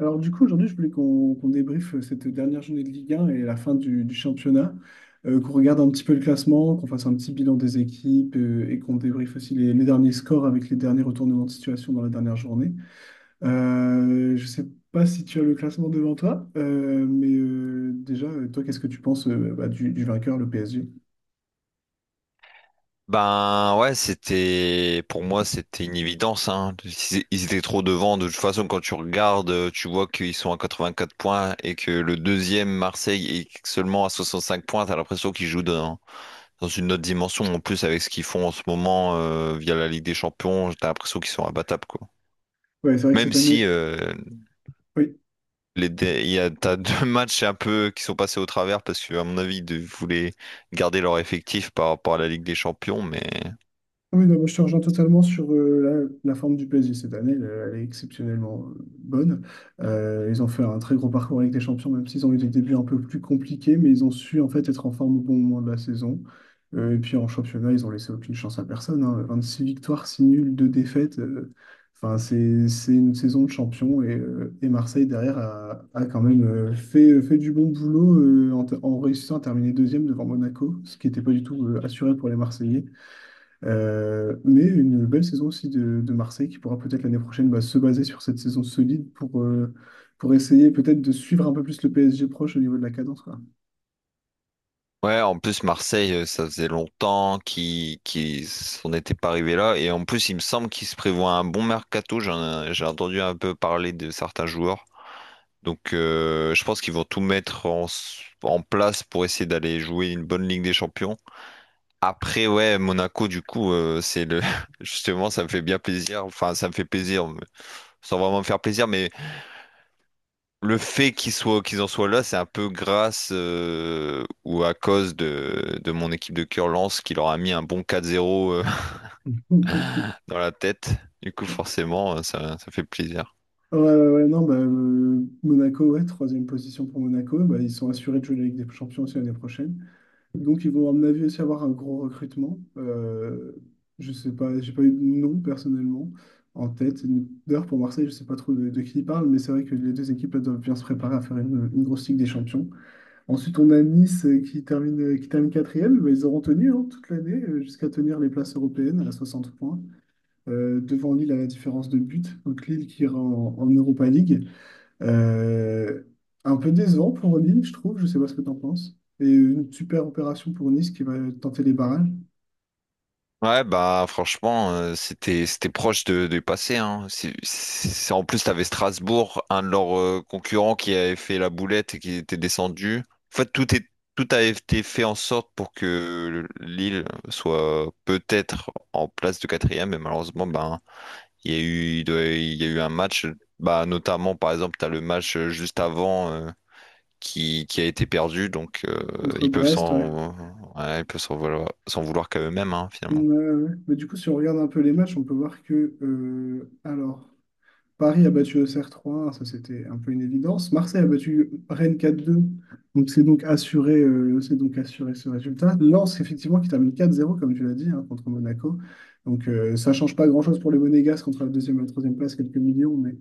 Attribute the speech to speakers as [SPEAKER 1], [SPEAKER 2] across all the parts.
[SPEAKER 1] Alors du coup, aujourd'hui, je voulais qu'on débriefe cette dernière journée de Ligue 1 et la fin du championnat, qu'on regarde un petit peu le classement, qu'on fasse un petit bilan des équipes et qu'on débriefe aussi les derniers scores avec les derniers retournements de situation dans la dernière journée. Je ne sais pas si tu as le classement devant toi, mais déjà, toi, qu'est-ce que tu penses bah, du vainqueur, le PSG?
[SPEAKER 2] Ben ouais, c'était pour moi c'était une évidence, hein. Ils étaient trop devant de toute façon. Quand tu regardes, tu vois qu'ils sont à 84 points et que le deuxième Marseille est seulement à 65 points. T'as l'impression qu'ils jouent dans une autre dimension, en plus, avec ce qu'ils font en ce moment via la Ligue des Champions. T'as l'impression qu'ils sont abattables, quoi.
[SPEAKER 1] Ouais, c'est vrai que
[SPEAKER 2] Même
[SPEAKER 1] cette
[SPEAKER 2] si
[SPEAKER 1] année. Oui.
[SPEAKER 2] les dé- il y a t'as deux matchs un peu qui sont passés au travers, parce que, à mon avis, ils voulaient garder leur effectif par rapport à la Ligue des Champions. Mais
[SPEAKER 1] Ah oui, non, moi, je te rejoins totalement sur la forme du PSG cette année. Elle, elle est exceptionnellement bonne. Ils ont fait un très gros parcours avec les champions, même s'ils ont eu des débuts un peu plus compliqués, mais ils ont su en fait être en forme au bon moment de la saison. Et puis en championnat, ils ont laissé aucune chance à personne, hein. Six victoires, 6 nuls, 2 défaites. Enfin, c'est une saison de champion. Et Marseille, derrière, a quand même fait du bon boulot en réussissant à terminer deuxième devant Monaco, ce qui n'était pas du tout assuré pour les Marseillais. Mais une belle saison aussi de Marseille qui pourra peut-être l'année prochaine bah, se baser sur cette saison solide pour essayer peut-être de suivre un peu plus le PSG proche au niveau de la cadence, quoi.
[SPEAKER 2] ouais, en plus, Marseille, ça faisait longtemps qu'ils s'en étaient pas arrivés là. Et en plus, il me semble qu'ils se prévoient un bon mercato. J'ai entendu un peu parler de certains joueurs. Donc je pense qu'ils vont tout mettre en place pour essayer d'aller jouer une bonne Ligue des Champions. Après, ouais, Monaco, du coup, c'est le justement, ça me fait bien plaisir. Enfin, ça me fait plaisir sans vraiment me faire plaisir, mais le fait qu'ils en soient là, c'est un peu grâce, ou à cause de mon équipe de Curlance, qui leur a mis un bon 4-0, dans la tête. Du coup, forcément, ça fait plaisir.
[SPEAKER 1] Ouais, ouais, ouais, non, bah, Monaco, ouais, troisième position pour Monaco. Bah, ils sont assurés de jouer la Ligue des Champions aussi l'année prochaine. Donc, ils vont, à mon avis, aussi avoir un gros recrutement. Je sais pas, j'ai pas eu de nom personnellement en tête. D'ailleurs, pour Marseille, je sais pas trop de qui il parle, mais c'est vrai que les deux équipes elles doivent bien se préparer à faire une grosse Ligue des Champions. Ensuite, on a Nice qui termine quatrième. Bah, ils auront tenu, hein, toute l'année jusqu'à tenir les places européennes à 60 points. Devant Lille à la différence de but. Donc, Lille qui ira en Europa League. Euh, un peu décevant pour Lille, je trouve. Je sais pas ce que tu en penses. Et une super opération pour Nice qui va tenter les barrages
[SPEAKER 2] Ouais, bah franchement, c'était proche du passé, hein. En plus, t'avais Strasbourg, un de leurs concurrents, qui avait fait la boulette et qui était descendu. En fait, tout a été fait en sorte pour que Lille soit peut-être en place de quatrième, mais malheureusement, ben il y a eu il y a eu un match, bah, notamment par exemple, t'as le match juste avant, qui a été perdu. Donc
[SPEAKER 1] contre
[SPEAKER 2] ils peuvent
[SPEAKER 1] Brest, ouais.
[SPEAKER 2] s'en ouais, ils peuvent s'en vouloir qu'à eux-mêmes, hein,
[SPEAKER 1] Ouais,
[SPEAKER 2] finalement.
[SPEAKER 1] ouais. Mais du coup, si on regarde un peu les matchs, on peut voir que, alors, Paris a battu Auxerre 3-1, ça c'était un peu une évidence. Marseille a battu Rennes 4-2, donc c'est donc assuré ce résultat. Lens, effectivement, qui termine 4-0 comme tu l'as dit, hein, contre Monaco. Donc ça change pas grand-chose pour les Monégasques contre la deuxième et la troisième place, quelques millions. Mais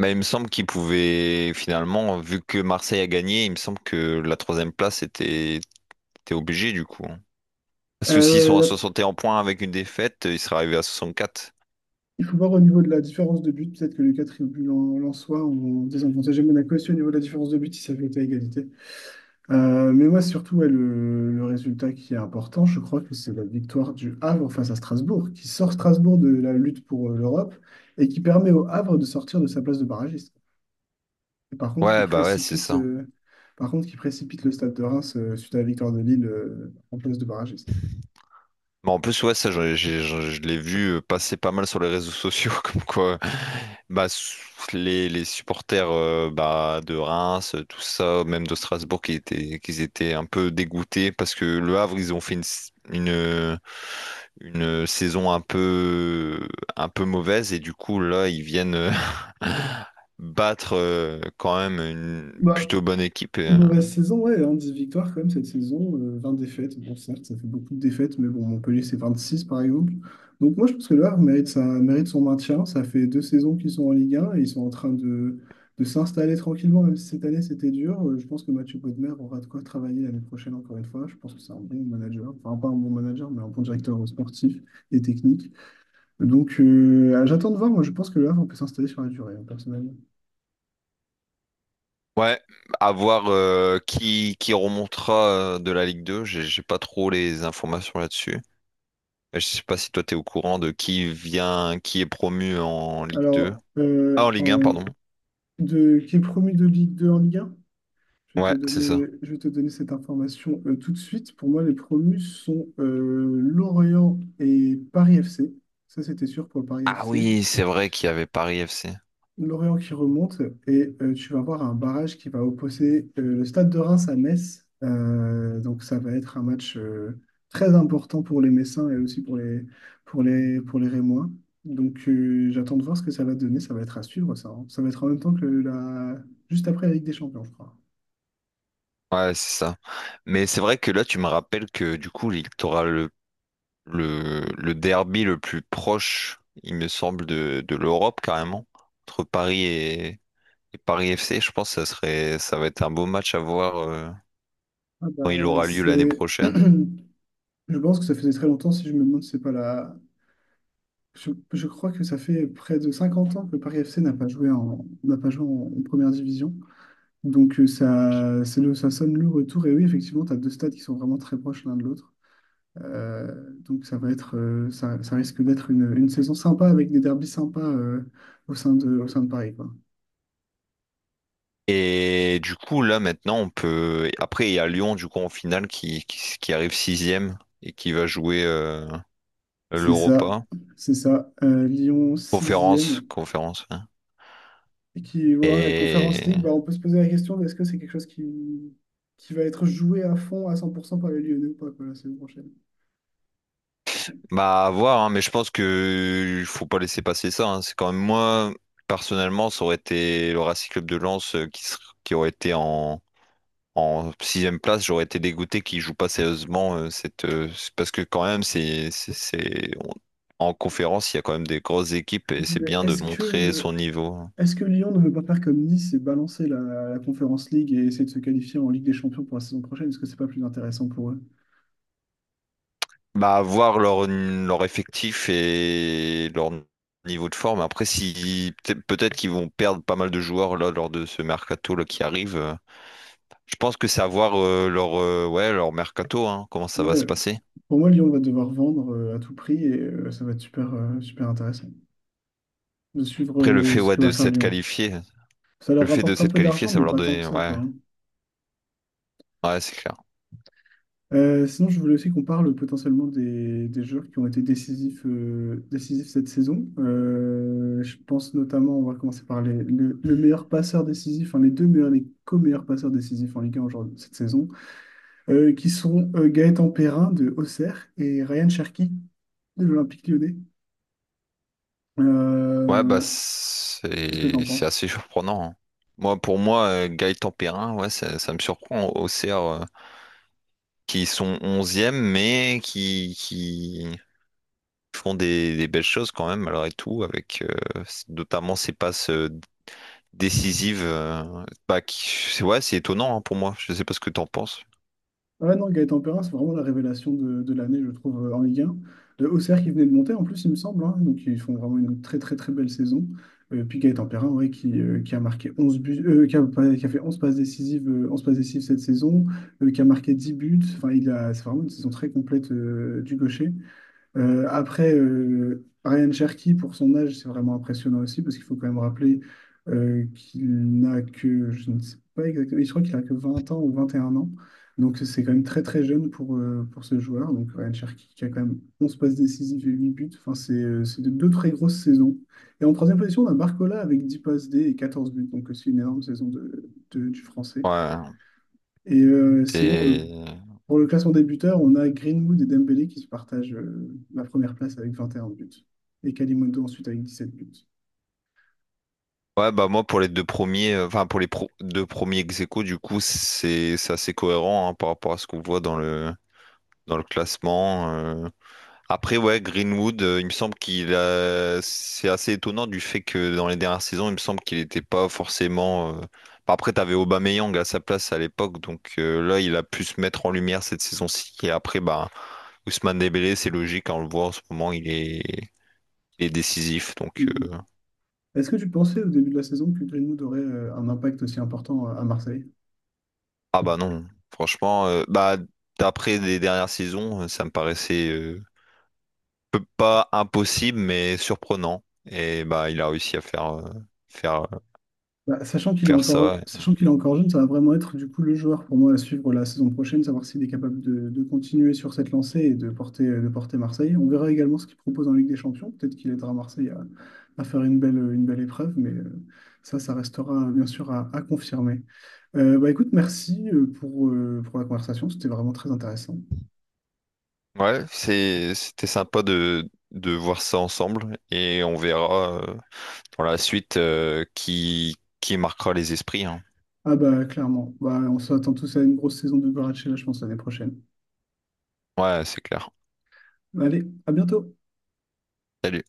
[SPEAKER 2] Mais il me semble qu'il pouvait, finalement, vu que Marseille a gagné, il me semble que la troisième place était obligée, du coup, hein. Parce que s'ils
[SPEAKER 1] euh,
[SPEAKER 2] sont à
[SPEAKER 1] là,
[SPEAKER 2] 61 points avec une défaite, ils seraient arrivés à 64.
[SPEAKER 1] il faut voir au niveau de la différence de but, peut-être que le quatre but en soit, on désavantage Monaco aussi au niveau de la différence de but, si ça avait été à égalité. Mais moi, surtout, ouais, le résultat qui est important, je crois que c'est la victoire du Havre face à Strasbourg, qui sort Strasbourg de la lutte pour l'Europe et qui permet au Havre de sortir de sa place de barragiste. Et par contre, qui
[SPEAKER 2] Ouais, bah ouais, c'est
[SPEAKER 1] précipite,
[SPEAKER 2] ça.
[SPEAKER 1] euh, par contre, qui précipite le Stade de Reims suite à la victoire de Lille en place de barragiste.
[SPEAKER 2] Mais en plus, ouais, ça, je l'ai vu passer pas mal sur les réseaux sociaux, comme quoi, bah, les supporters, bah, de Reims, tout ça, même de Strasbourg, qu'ils étaient un peu dégoûtés, parce que Le Havre, ils ont fait une saison un peu mauvaise, et du coup, là, ils viennent battre, quand même, une
[SPEAKER 1] Bah,
[SPEAKER 2] plutôt bonne équipe.
[SPEAKER 1] mauvaise saison, ouais, hein, 10 victoires quand même cette saison, 20 défaites. Bon, certes, ça fait beaucoup de défaites, mais bon, Montpellier, c'est 26 par exemple. Donc moi, je pense que le Havre mérite son maintien. Ça fait deux saisons qu'ils sont en Ligue 1 et ils sont en train de s'installer tranquillement, même si cette année c'était dur. Je pense que Mathieu Bodmer aura de quoi travailler l'année prochaine encore une fois. Je pense que c'est un bon manager, enfin pas un bon manager, mais un bon directeur sportif et technique. Donc j'attends de voir, moi je pense que le Havre peut s'installer sur la durée, hein, personnellement.
[SPEAKER 2] Ouais, à voir qui remontera de la Ligue 2. J'ai pas trop les informations là-dessus. Je sais pas si toi t'es au courant de qui vient, qui est promu en Ligue 2.
[SPEAKER 1] Alors,
[SPEAKER 2] Ah, en
[SPEAKER 1] euh,
[SPEAKER 2] Ligue 1,
[SPEAKER 1] en-
[SPEAKER 2] pardon.
[SPEAKER 1] qui est promu de Ligue 2 en Ligue 1? Je vais te
[SPEAKER 2] Ouais, c'est
[SPEAKER 1] donner,
[SPEAKER 2] ça.
[SPEAKER 1] je vais te donner cette information tout de suite. Pour moi, les promus sont Lorient et Paris FC. Ça, c'était sûr pour le Paris
[SPEAKER 2] Ah
[SPEAKER 1] FC.
[SPEAKER 2] oui, c'est vrai qu'il y avait Paris FC.
[SPEAKER 1] L'Orient qui remonte et tu vas avoir un barrage qui va opposer le Stade de Reims à Metz. Donc ça va être un match très important pour les Messins et aussi pour les Rémois. Donc j'attends de voir ce que ça va donner. Ça va être à suivre ça, hein. Ça va être en même temps que la... juste après la Ligue des Champions, je crois.
[SPEAKER 2] Ouais, c'est ça. Mais c'est vrai que là, tu me rappelles que, du coup, t'aura le derby le plus proche, il me semble, de l'Europe, carrément, entre Paris et Paris FC. Je pense que ça serait, ça va être un beau match à voir,
[SPEAKER 1] Ah
[SPEAKER 2] quand
[SPEAKER 1] bah,
[SPEAKER 2] il aura lieu l'année
[SPEAKER 1] c'est...
[SPEAKER 2] prochaine.
[SPEAKER 1] Je pense que ça faisait très longtemps, si je me demande, si c'est pas la, je crois que ça fait près de 50 ans que Paris FC n'a pas joué en, n'a pas joué en, en première division. Donc ça sonne le retour. Et oui, effectivement, tu as deux stades qui sont vraiment très proches l'un de l'autre. Donc ça va être, ça, ça risque d'être une saison sympa avec des derbys sympas au sein de Paris, quoi.
[SPEAKER 2] Et du coup, là, maintenant, on peut. Après, il y a Lyon, du coup, en finale, qui arrive sixième et qui va jouer
[SPEAKER 1] C'est ça,
[SPEAKER 2] l'Europa.
[SPEAKER 1] c'est ça. Lyon
[SPEAKER 2] Conférence,
[SPEAKER 1] sixième.
[SPEAKER 2] conférence, hein.
[SPEAKER 1] Et qui, voilà, la Conférence
[SPEAKER 2] Et
[SPEAKER 1] League, bah, on peut se poser la question de est-ce que c'est quelque chose qui va être joué à fond, à 100% par les Lyonnais ou pas, quoi, la saison prochaine.
[SPEAKER 2] bah, à voir, hein, mais je pense que il faut pas laisser passer ça, hein. C'est quand même, moi, personnellement, ça aurait été le Racing Club de Lens qui aurait été en sixième place, j'aurais été dégoûté qu'ils jouent pas sérieusement, parce que, quand même, en conférence il y a quand même des grosses équipes, et c'est
[SPEAKER 1] Mais
[SPEAKER 2] bien de
[SPEAKER 1] est-ce
[SPEAKER 2] montrer
[SPEAKER 1] que,
[SPEAKER 2] son niveau.
[SPEAKER 1] Est-ce que Lyon ne veut pas faire comme Nice et balancer la Conference League et essayer de se qualifier en Ligue des Champions pour la saison prochaine? Est-ce que c'est pas plus intéressant pour eux?
[SPEAKER 2] Bah, voir leur effectif et leur niveau de forme. Après, si peut-être qu'ils vont perdre pas mal de joueurs là lors de ce mercato là qui arrive. Je pense que c'est à voir, leur, ouais, leur mercato, hein, comment ça va
[SPEAKER 1] Ouais,
[SPEAKER 2] se passer.
[SPEAKER 1] pour moi, Lyon va devoir vendre à tout prix et ça va être super intéressant de suivre
[SPEAKER 2] Après, le fait,
[SPEAKER 1] ce
[SPEAKER 2] ouais,
[SPEAKER 1] que va
[SPEAKER 2] de
[SPEAKER 1] faire
[SPEAKER 2] s'être
[SPEAKER 1] Lyon.
[SPEAKER 2] qualifié,
[SPEAKER 1] Ça
[SPEAKER 2] le
[SPEAKER 1] leur
[SPEAKER 2] fait de
[SPEAKER 1] rapporte un
[SPEAKER 2] s'être
[SPEAKER 1] peu
[SPEAKER 2] qualifié,
[SPEAKER 1] d'argent,
[SPEAKER 2] ça
[SPEAKER 1] mais
[SPEAKER 2] va leur
[SPEAKER 1] pas tant que
[SPEAKER 2] donner,
[SPEAKER 1] ça,
[SPEAKER 2] ouais,
[SPEAKER 1] quoi, hein.
[SPEAKER 2] ouais, c'est clair.
[SPEAKER 1] Sinon, je voulais aussi qu'on parle potentiellement des joueurs qui ont été décisifs, décisifs cette saison. Je pense notamment, on va commencer par le meilleur passeur décisif, enfin les deux meilleurs, les co-meilleurs passeurs décisifs en Ligue 1 aujourd'hui, cette saison, qui sont Gaëtan Perrin de Auxerre et Ryan Cherki de l'Olympique Lyonnais.
[SPEAKER 2] Ouais, bah
[SPEAKER 1] Euh, Qu'est-ce que tu en
[SPEAKER 2] c'est
[SPEAKER 1] penses?
[SPEAKER 2] assez surprenant, hein. Moi, pour moi, Gaëtan Perrin, ouais, ça me surprend, au CR, qui sont onzième, mais qui font des belles choses quand même, malgré tout, avec, notamment ces passes, décisives. Ouais, c'est étonnant, hein, pour moi. Je sais pas ce que t'en penses.
[SPEAKER 1] Ouais, non, Gaëtan Perrin, c'est vraiment la révélation de l'année, je trouve, en Ligue 1. Le OCR qui venait de monter, en plus, il me semble, hein. Donc, ils font vraiment une très, très, très belle saison. Puis Gaëtan Perrin, ouais, qui a marqué 11 buts, qui a, pas- qui a fait 11 passes décisives, 11 passes décisives cette saison, qui a marqué 10 buts. Enfin, c'est vraiment une saison très complète du gaucher. Après, Ryan Cherky, pour son âge, c'est vraiment impressionnant aussi, parce qu'il faut quand même rappeler qu'il n'a que, je ne sais pas exactement, je crois qu'il a que 20 ans ou 21 ans. Donc c'est quand même très très jeune pour ce joueur. Donc Ryan Cherky qui a quand même 11 passes décisives et 8 buts. Enfin, c'est de deux très grosses saisons. Et en troisième position, on a Barcola avec 10 passes D et 14 buts. Donc aussi une énorme saison du Français.
[SPEAKER 2] Ouais,
[SPEAKER 1] Sinon,
[SPEAKER 2] c'est.
[SPEAKER 1] pour le classement débuteur, on a Greenwood et Dembélé qui se partagent la première place avec 21 buts. Et Kalimondo ensuite avec 17 buts.
[SPEAKER 2] Ouais, bah, moi, pour les deux premiers, enfin, pour les deux premiers ex aequo, du coup, c'est assez cohérent, hein, par rapport à ce qu'on voit dans le classement. Après, ouais, Greenwood, il me semble qu'il a c'est assez étonnant, du fait que, dans les dernières saisons, il me semble qu'il n'était pas forcément. Après, t'avais Aubameyang à sa place à l'époque, donc là, il a pu se mettre en lumière cette saison-ci. Et après, bah, Ousmane Dembélé, c'est logique, hein, on le voit en ce moment, il est décisif. Donc,
[SPEAKER 1] Mhm. Est-ce que tu pensais au début de la saison que Greenwood aurait un impact aussi important à Marseille?
[SPEAKER 2] ah bah non, franchement, bah, d'après les dernières saisons, ça me paraissait, pas impossible, mais surprenant. Et bah, il a réussi à faire
[SPEAKER 1] Bah, sachant qu'il est
[SPEAKER 2] faire
[SPEAKER 1] encore,
[SPEAKER 2] ça.
[SPEAKER 1] sachant qu'il est encore jeune, ça va vraiment être du coup le joueur pour moi à suivre la saison prochaine, savoir s'il est capable de continuer sur cette lancée et de porter Marseille. On verra également ce qu'il propose en Ligue des Champions. Peut-être qu'il aidera Marseille à faire une belle épreuve, mais ça, restera bien sûr à confirmer. Bah écoute, merci pour la conversation, c'était vraiment très intéressant.
[SPEAKER 2] Ouais, c'était sympa de voir ça ensemble, et on verra pour la suite, qui marquera les esprits, hein.
[SPEAKER 1] Ah bah clairement, bah, on s'attend tous à une grosse saison de Goratchela, je pense, l'année prochaine.
[SPEAKER 2] Ouais, c'est clair.
[SPEAKER 1] Allez, à bientôt!
[SPEAKER 2] Salut.